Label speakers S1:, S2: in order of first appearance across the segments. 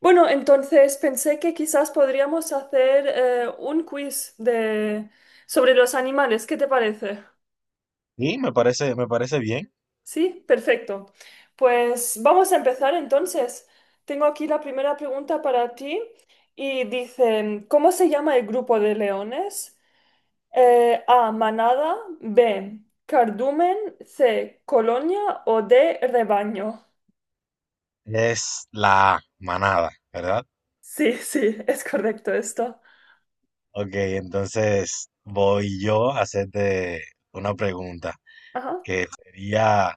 S1: Bueno, entonces pensé que quizás podríamos hacer un quiz de... sobre los animales. ¿Qué te parece?
S2: Sí, me parece bien.
S1: Sí, perfecto. Pues vamos a empezar entonces. Tengo aquí la primera pregunta para ti y dice, ¿cómo se llama el grupo de leones? A, manada, B, cardumen, C, colonia o D, rebaño.
S2: Es la manada, ¿verdad?
S1: Sí, sí, es correcto esto.
S2: Ok, entonces voy yo a hacerte una pregunta,
S1: Ajá.
S2: que sería,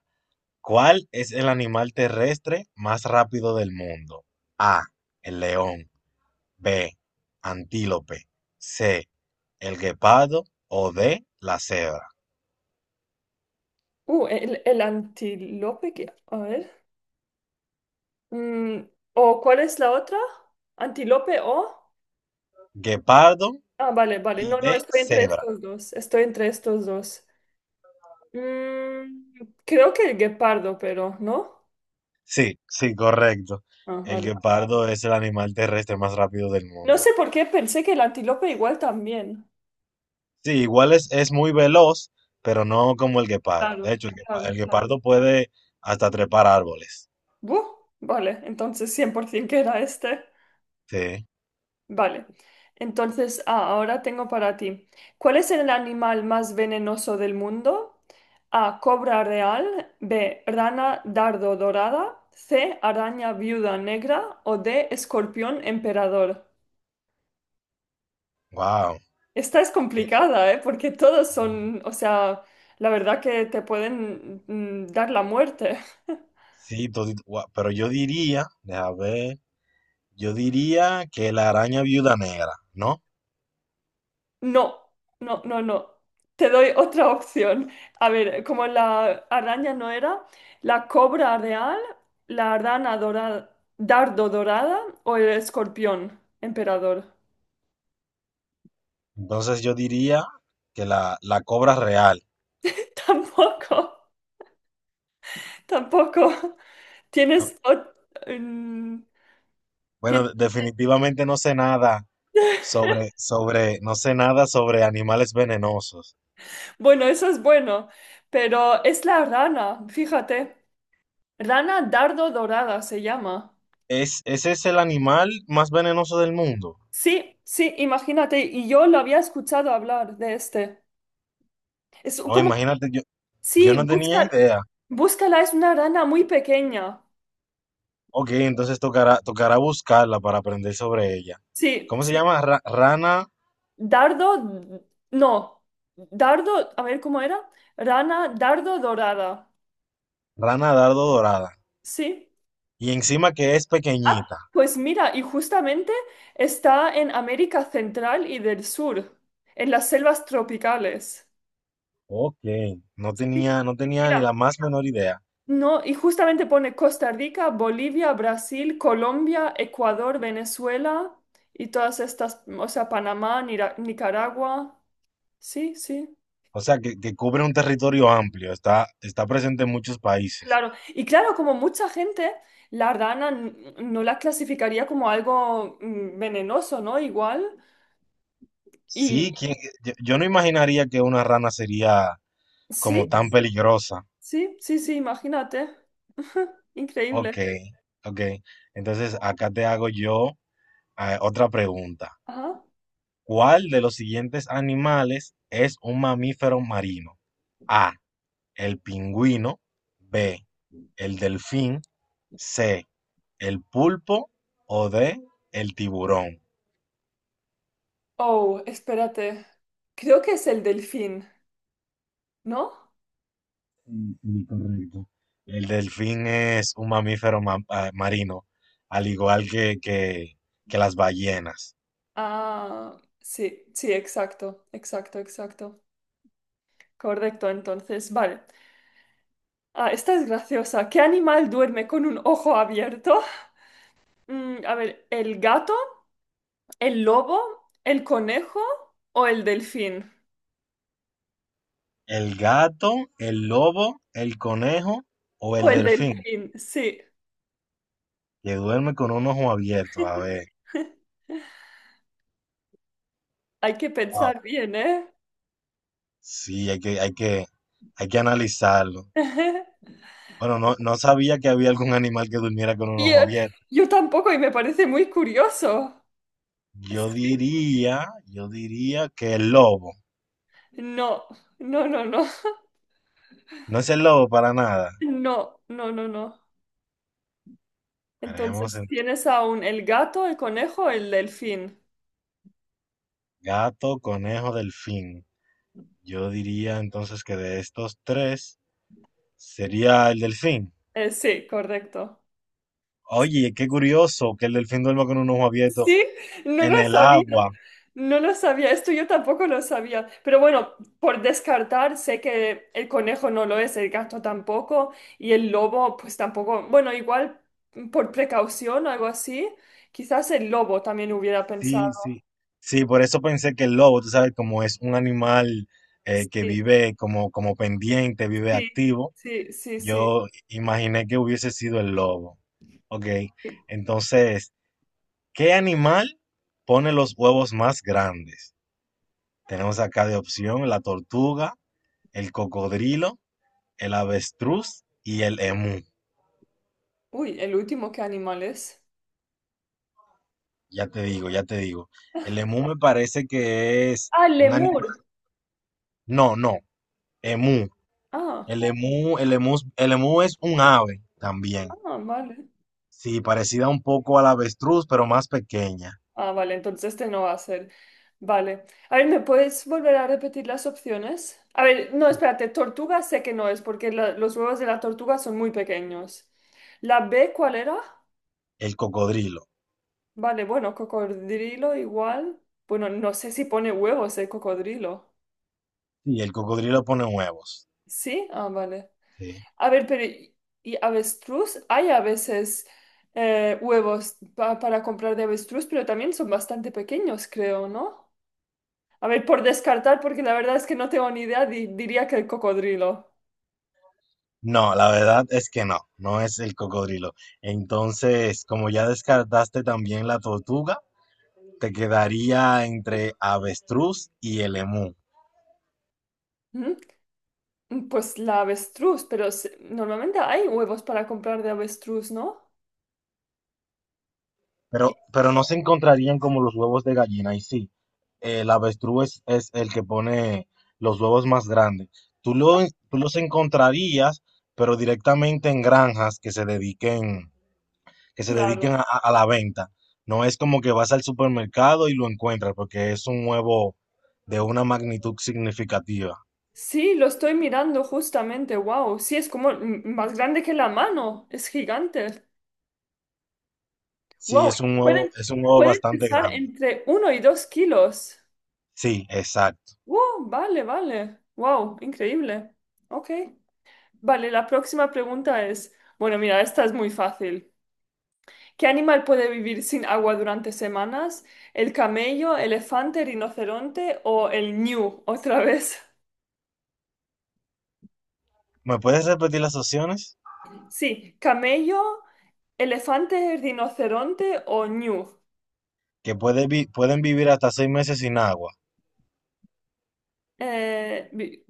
S2: ¿cuál es el animal terrestre más rápido del mundo? A, el león, B, antílope, C, el guepardo o D, la cebra.
S1: El antílope que... A ver. Mm, ¿o cuál es la otra? ¿Antílope o?
S2: Guepardo
S1: Ah, vale, vale.
S2: y
S1: No, no,
S2: D,
S1: estoy entre
S2: cebra.
S1: estos dos. Estoy entre estos dos. Mm, creo que el guepardo, pero, ¿no?
S2: Sí, sí, correcto.
S1: Ah,
S2: El
S1: vale.
S2: guepardo es el animal terrestre más rápido del
S1: No
S2: mundo.
S1: sé por qué pensé que el antílope igual también.
S2: Sí, igual es muy veloz, pero no como el guepardo. De
S1: Claro,
S2: hecho,
S1: claro,
S2: el
S1: claro.
S2: guepardo puede hasta trepar árboles.
S1: Buh, vale, entonces 100% que era este.
S2: Sí,
S1: Vale. Entonces, ah, ahora tengo para ti. ¿Cuál es el animal más venenoso del mundo? A. Cobra real. B. Rana dardo dorada. C. Araña viuda negra. O D. Escorpión emperador.
S2: wow.
S1: Esta es complicada, ¿eh? Porque todos son, o sea, la verdad que te pueden dar la muerte.
S2: Sí, pero yo diría, déjame ver, yo diría que la araña viuda negra, ¿no?
S1: No, no, no, no. Te doy otra opción. A ver, como la araña no era, la cobra real, la rana dorada, dardo dorada o el escorpión emperador.
S2: Entonces yo diría que la cobra real.
S1: Tampoco, tampoco.
S2: Ah,
S1: Tienes... ot- mm,
S2: Bueno,
S1: tien-
S2: definitivamente no sé nada sobre, no sé nada sobre animales venenosos.
S1: Bueno, eso es bueno, pero es la rana, fíjate. Rana dardo dorada se llama.
S2: ¿Es, ese es el animal más venenoso del mundo?
S1: Sí, sí, imagínate, y yo lo había escuchado hablar de este. Es
S2: No,
S1: como
S2: imagínate. Yo
S1: sí,
S2: no tenía
S1: busca,
S2: idea.
S1: búscala, es una rana muy pequeña.
S2: Ok, entonces tocará, tocará buscarla para aprender sobre ella.
S1: Sí,
S2: ¿Cómo se
S1: sí.
S2: llama? Rana,
S1: Dardo, no. Dardo, a ver cómo era. Rana, dardo dorada.
S2: rana dardo dorada.
S1: Sí.
S2: Y encima que es
S1: Ah,
S2: pequeñita.
S1: pues mira, y justamente está en América Central y del Sur, en las selvas tropicales.
S2: Ok, no
S1: Sí.
S2: tenía, no tenía ni
S1: Mira,
S2: la más menor idea.
S1: no, y justamente pone Costa Rica, Bolivia, Brasil, Colombia, Ecuador, Venezuela y todas estas, o sea, Panamá, Nira- Nicaragua. Sí, sí,
S2: O sea, que cubre un territorio amplio, está, está presente en muchos países.
S1: claro. Y claro, como mucha gente, la rana n- no la clasificaría como algo venenoso, ¿no? Igual.
S2: Sí,
S1: Y
S2: ¿quién- yo no imaginaría que una rana sería como
S1: sí,
S2: tan peligrosa.
S1: sí, sí, sí, imagínate.
S2: Ok,
S1: Increíble.
S2: ok. Entonces acá te hago yo otra pregunta.
S1: Ajá.
S2: ¿Cuál de los siguientes animales es un mamífero marino? A, el pingüino, B, el delfín, C, el pulpo o D, el tiburón.
S1: Oh, espérate. Creo que es el delfín, ¿no?
S2: Mm, incorrecto. El delfín es un mamífero marino, al igual que, que las ballenas.
S1: Ah, sí, sí, exacto, exacto, exacto. Correcto, entonces, vale. Ah, esta es graciosa. ¿Qué animal duerme con un ojo abierto? Mm, a ver, ¿el gato? ¿El lobo, el conejo o el delfín?
S2: ¿El gato, el lobo, el conejo o el
S1: O el
S2: delfín?
S1: delfín, sí.
S2: Que duerme con un ojo abierto. A ver.
S1: Hay que
S2: Wow.
S1: pensar bien, ¿eh?
S2: Sí, hay que, hay que analizarlo. Bueno, no, no sabía que había algún animal que durmiera con un
S1: Y,
S2: ojo abierto.
S1: yo tampoco y me parece muy curioso. Sí.
S2: Yo diría que el lobo.
S1: No, no, no, no.
S2: No es el lobo para nada.
S1: No, no, no, no.
S2: Veremos
S1: Entonces,
S2: en
S1: tienes aún el gato, el conejo, el delfín.
S2: gato, conejo, delfín. Yo diría entonces que de estos tres sería el delfín.
S1: Sí, correcto.
S2: Oye, qué curioso que el delfín duerma con un ojo abierto
S1: Sí, no lo
S2: en el
S1: sabía,
S2: agua.
S1: no lo sabía, esto yo tampoco lo sabía, pero bueno, por descartar, sé que el conejo no lo es, el gato tampoco, y el lobo pues tampoco, bueno, igual por precaución, algo así, quizás el lobo también hubiera
S2: Sí,
S1: pensado.
S2: sí, sí, por eso pensé que el lobo, tú sabes, como es un animal que
S1: Sí,
S2: vive como, como pendiente, vive
S1: sí,
S2: activo,
S1: sí, sí, sí.
S2: yo imaginé que hubiese sido el lobo. Ok,
S1: Sí.
S2: entonces, ¿qué animal pone los huevos más grandes? Tenemos acá de opción la tortuga, el cocodrilo, el avestruz y el emú.
S1: Uy, el último, ¿qué animal es?
S2: Ya te digo, ya te digo. El emú me parece que es
S1: Ah,
S2: un animal.
S1: lemur.
S2: No, no, emú.
S1: Ah,
S2: El emú es un ave también.
S1: ah, vale.
S2: Sí, parecida un poco al avestruz, pero más pequeña.
S1: Ah, vale, entonces este no va a ser. Vale. A ver, ¿me puedes volver a repetir las opciones? A ver, no, espérate, tortuga sé que no es porque la- los huevos de la tortuga son muy pequeños. ¿La B cuál era?
S2: El cocodrilo.
S1: Vale, bueno, cocodrilo igual. Bueno, no sé si pone huevos el cocodrilo.
S2: Sí, el cocodrilo pone huevos.
S1: ¿Sí? Ah, vale.
S2: Sí.
S1: A ver, pero ¿y avestruz? Hay a veces huevos pa- para comprar de avestruz, pero también son bastante pequeños, creo, ¿no? A ver, por descartar, porque la verdad es que no tengo ni idea, di- diría que el cocodrilo.
S2: No, la verdad es que no, no es el cocodrilo. Entonces, como ya descartaste también la tortuga, te quedaría entre avestruz y el emú.
S1: ¿Mm? Pues la avestruz, pero se- normalmente hay huevos para comprar de avestruz, ¿no? Y-
S2: Pero no se encontrarían como los huevos de gallina. Y sí, el avestruz es el que pone los huevos más grandes. Tú, lo, tú los encontrarías, pero directamente en granjas que se dediquen
S1: claro.
S2: a la venta. No es como que vas al supermercado y lo encuentras, porque es un huevo de una magnitud significativa.
S1: Sí, lo estoy mirando justamente, wow. Sí, es como m- más grande que la mano, es gigante.
S2: Sí,
S1: Wow, pueden,
S2: es un huevo
S1: pueden
S2: bastante
S1: pesar
S2: grande.
S1: entre 1 y 2 kilos.
S2: Sí, exacto.
S1: Wow, vale, vale. Wow, increíble. Ok. Vale, la próxima pregunta es, bueno, mira, esta es muy fácil. ¿Qué animal puede vivir sin agua durante semanas? ¿El camello, elefante, rinoceronte o el ñu? Otra vez.
S2: ¿Me puedes repetir las opciones?
S1: Sí, camello, elefante, rinoceronte o ñu.
S2: Que puede pueden vivir hasta 6 meses sin agua.
S1: Eh, vi-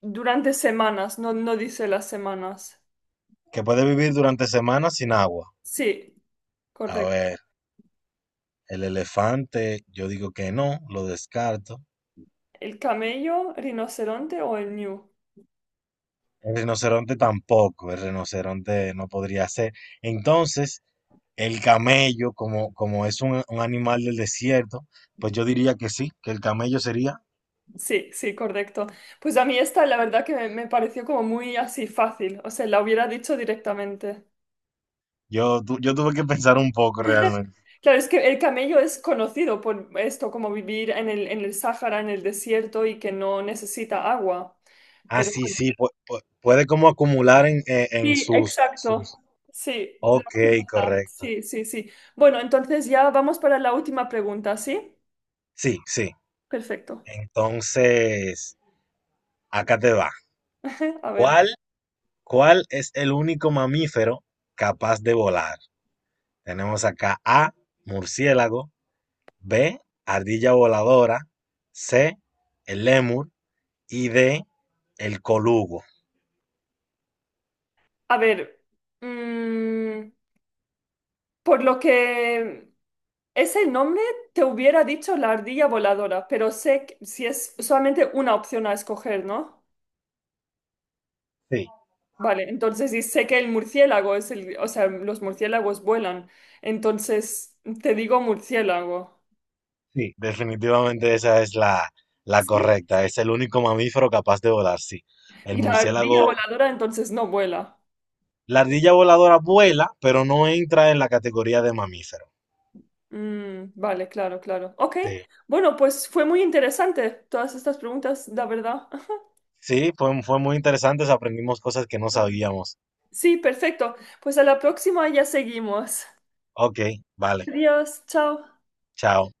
S1: durante semanas, no, no dice las semanas.
S2: Que puede vivir durante semanas sin agua.
S1: Sí,
S2: A
S1: correcto.
S2: ver, el elefante, yo digo que no, lo descarto.
S1: ¿El camello, rinoceronte o el ñu?
S2: El rinoceronte tampoco, el rinoceronte no podría ser. Entonces, el camello, como, como es un animal del desierto, pues yo diría que sí, que el camello sería.
S1: Sí, sí, correcto. Pues a mí esta, la verdad que me pareció como muy así fácil. O sea, la hubiera dicho directamente.
S2: Yo, yo tuve que pensar un poco realmente.
S1: Claro, es que el camello es conocido por esto, como vivir en el Sáhara, en el desierto y que no necesita agua.
S2: Ah,
S1: Pero
S2: sí,
S1: bueno,
S2: sí, puede como acumular en
S1: sí,
S2: sus, en
S1: exacto.
S2: sus.
S1: Sí, la
S2: Ok,
S1: acumula.
S2: correcto.
S1: Sí, sí, sí. Bueno, entonces ya vamos para la última pregunta, ¿sí?
S2: Sí, sí.
S1: Perfecto.
S2: Entonces, acá te va.
S1: A ver,
S2: ¿Cuál ¿Cuál es el único mamífero capaz de volar? Tenemos acá A, murciélago, B, ardilla voladora, C, el lémur y D, el colugo.
S1: a ver. Mm, por lo que ese nombre te hubiera dicho la ardilla voladora, pero sé que si es solamente una opción a escoger, ¿no?
S2: Sí,
S1: Vale, entonces y sé que el murciélago es el, o sea, los murciélagos vuelan. Entonces te digo murciélago.
S2: sí, definitivamente esa es la
S1: Sí.
S2: correcta. Es el único mamífero capaz de volar, sí. El
S1: Y la vale. Ardilla
S2: murciélago,
S1: voladora entonces no vuela.
S2: la ardilla voladora vuela, pero no entra en la categoría de mamífero.
S1: Mm, vale, claro, claro. Ok,
S2: Sí,
S1: bueno, pues fue muy interesante todas estas preguntas, la verdad.
S2: sí, fue, fue muy interesante, aprendimos cosas que no sabíamos.
S1: Sí, perfecto. Pues a la próxima ya seguimos.
S2: Ok, vale,
S1: Adiós, chao.
S2: chao.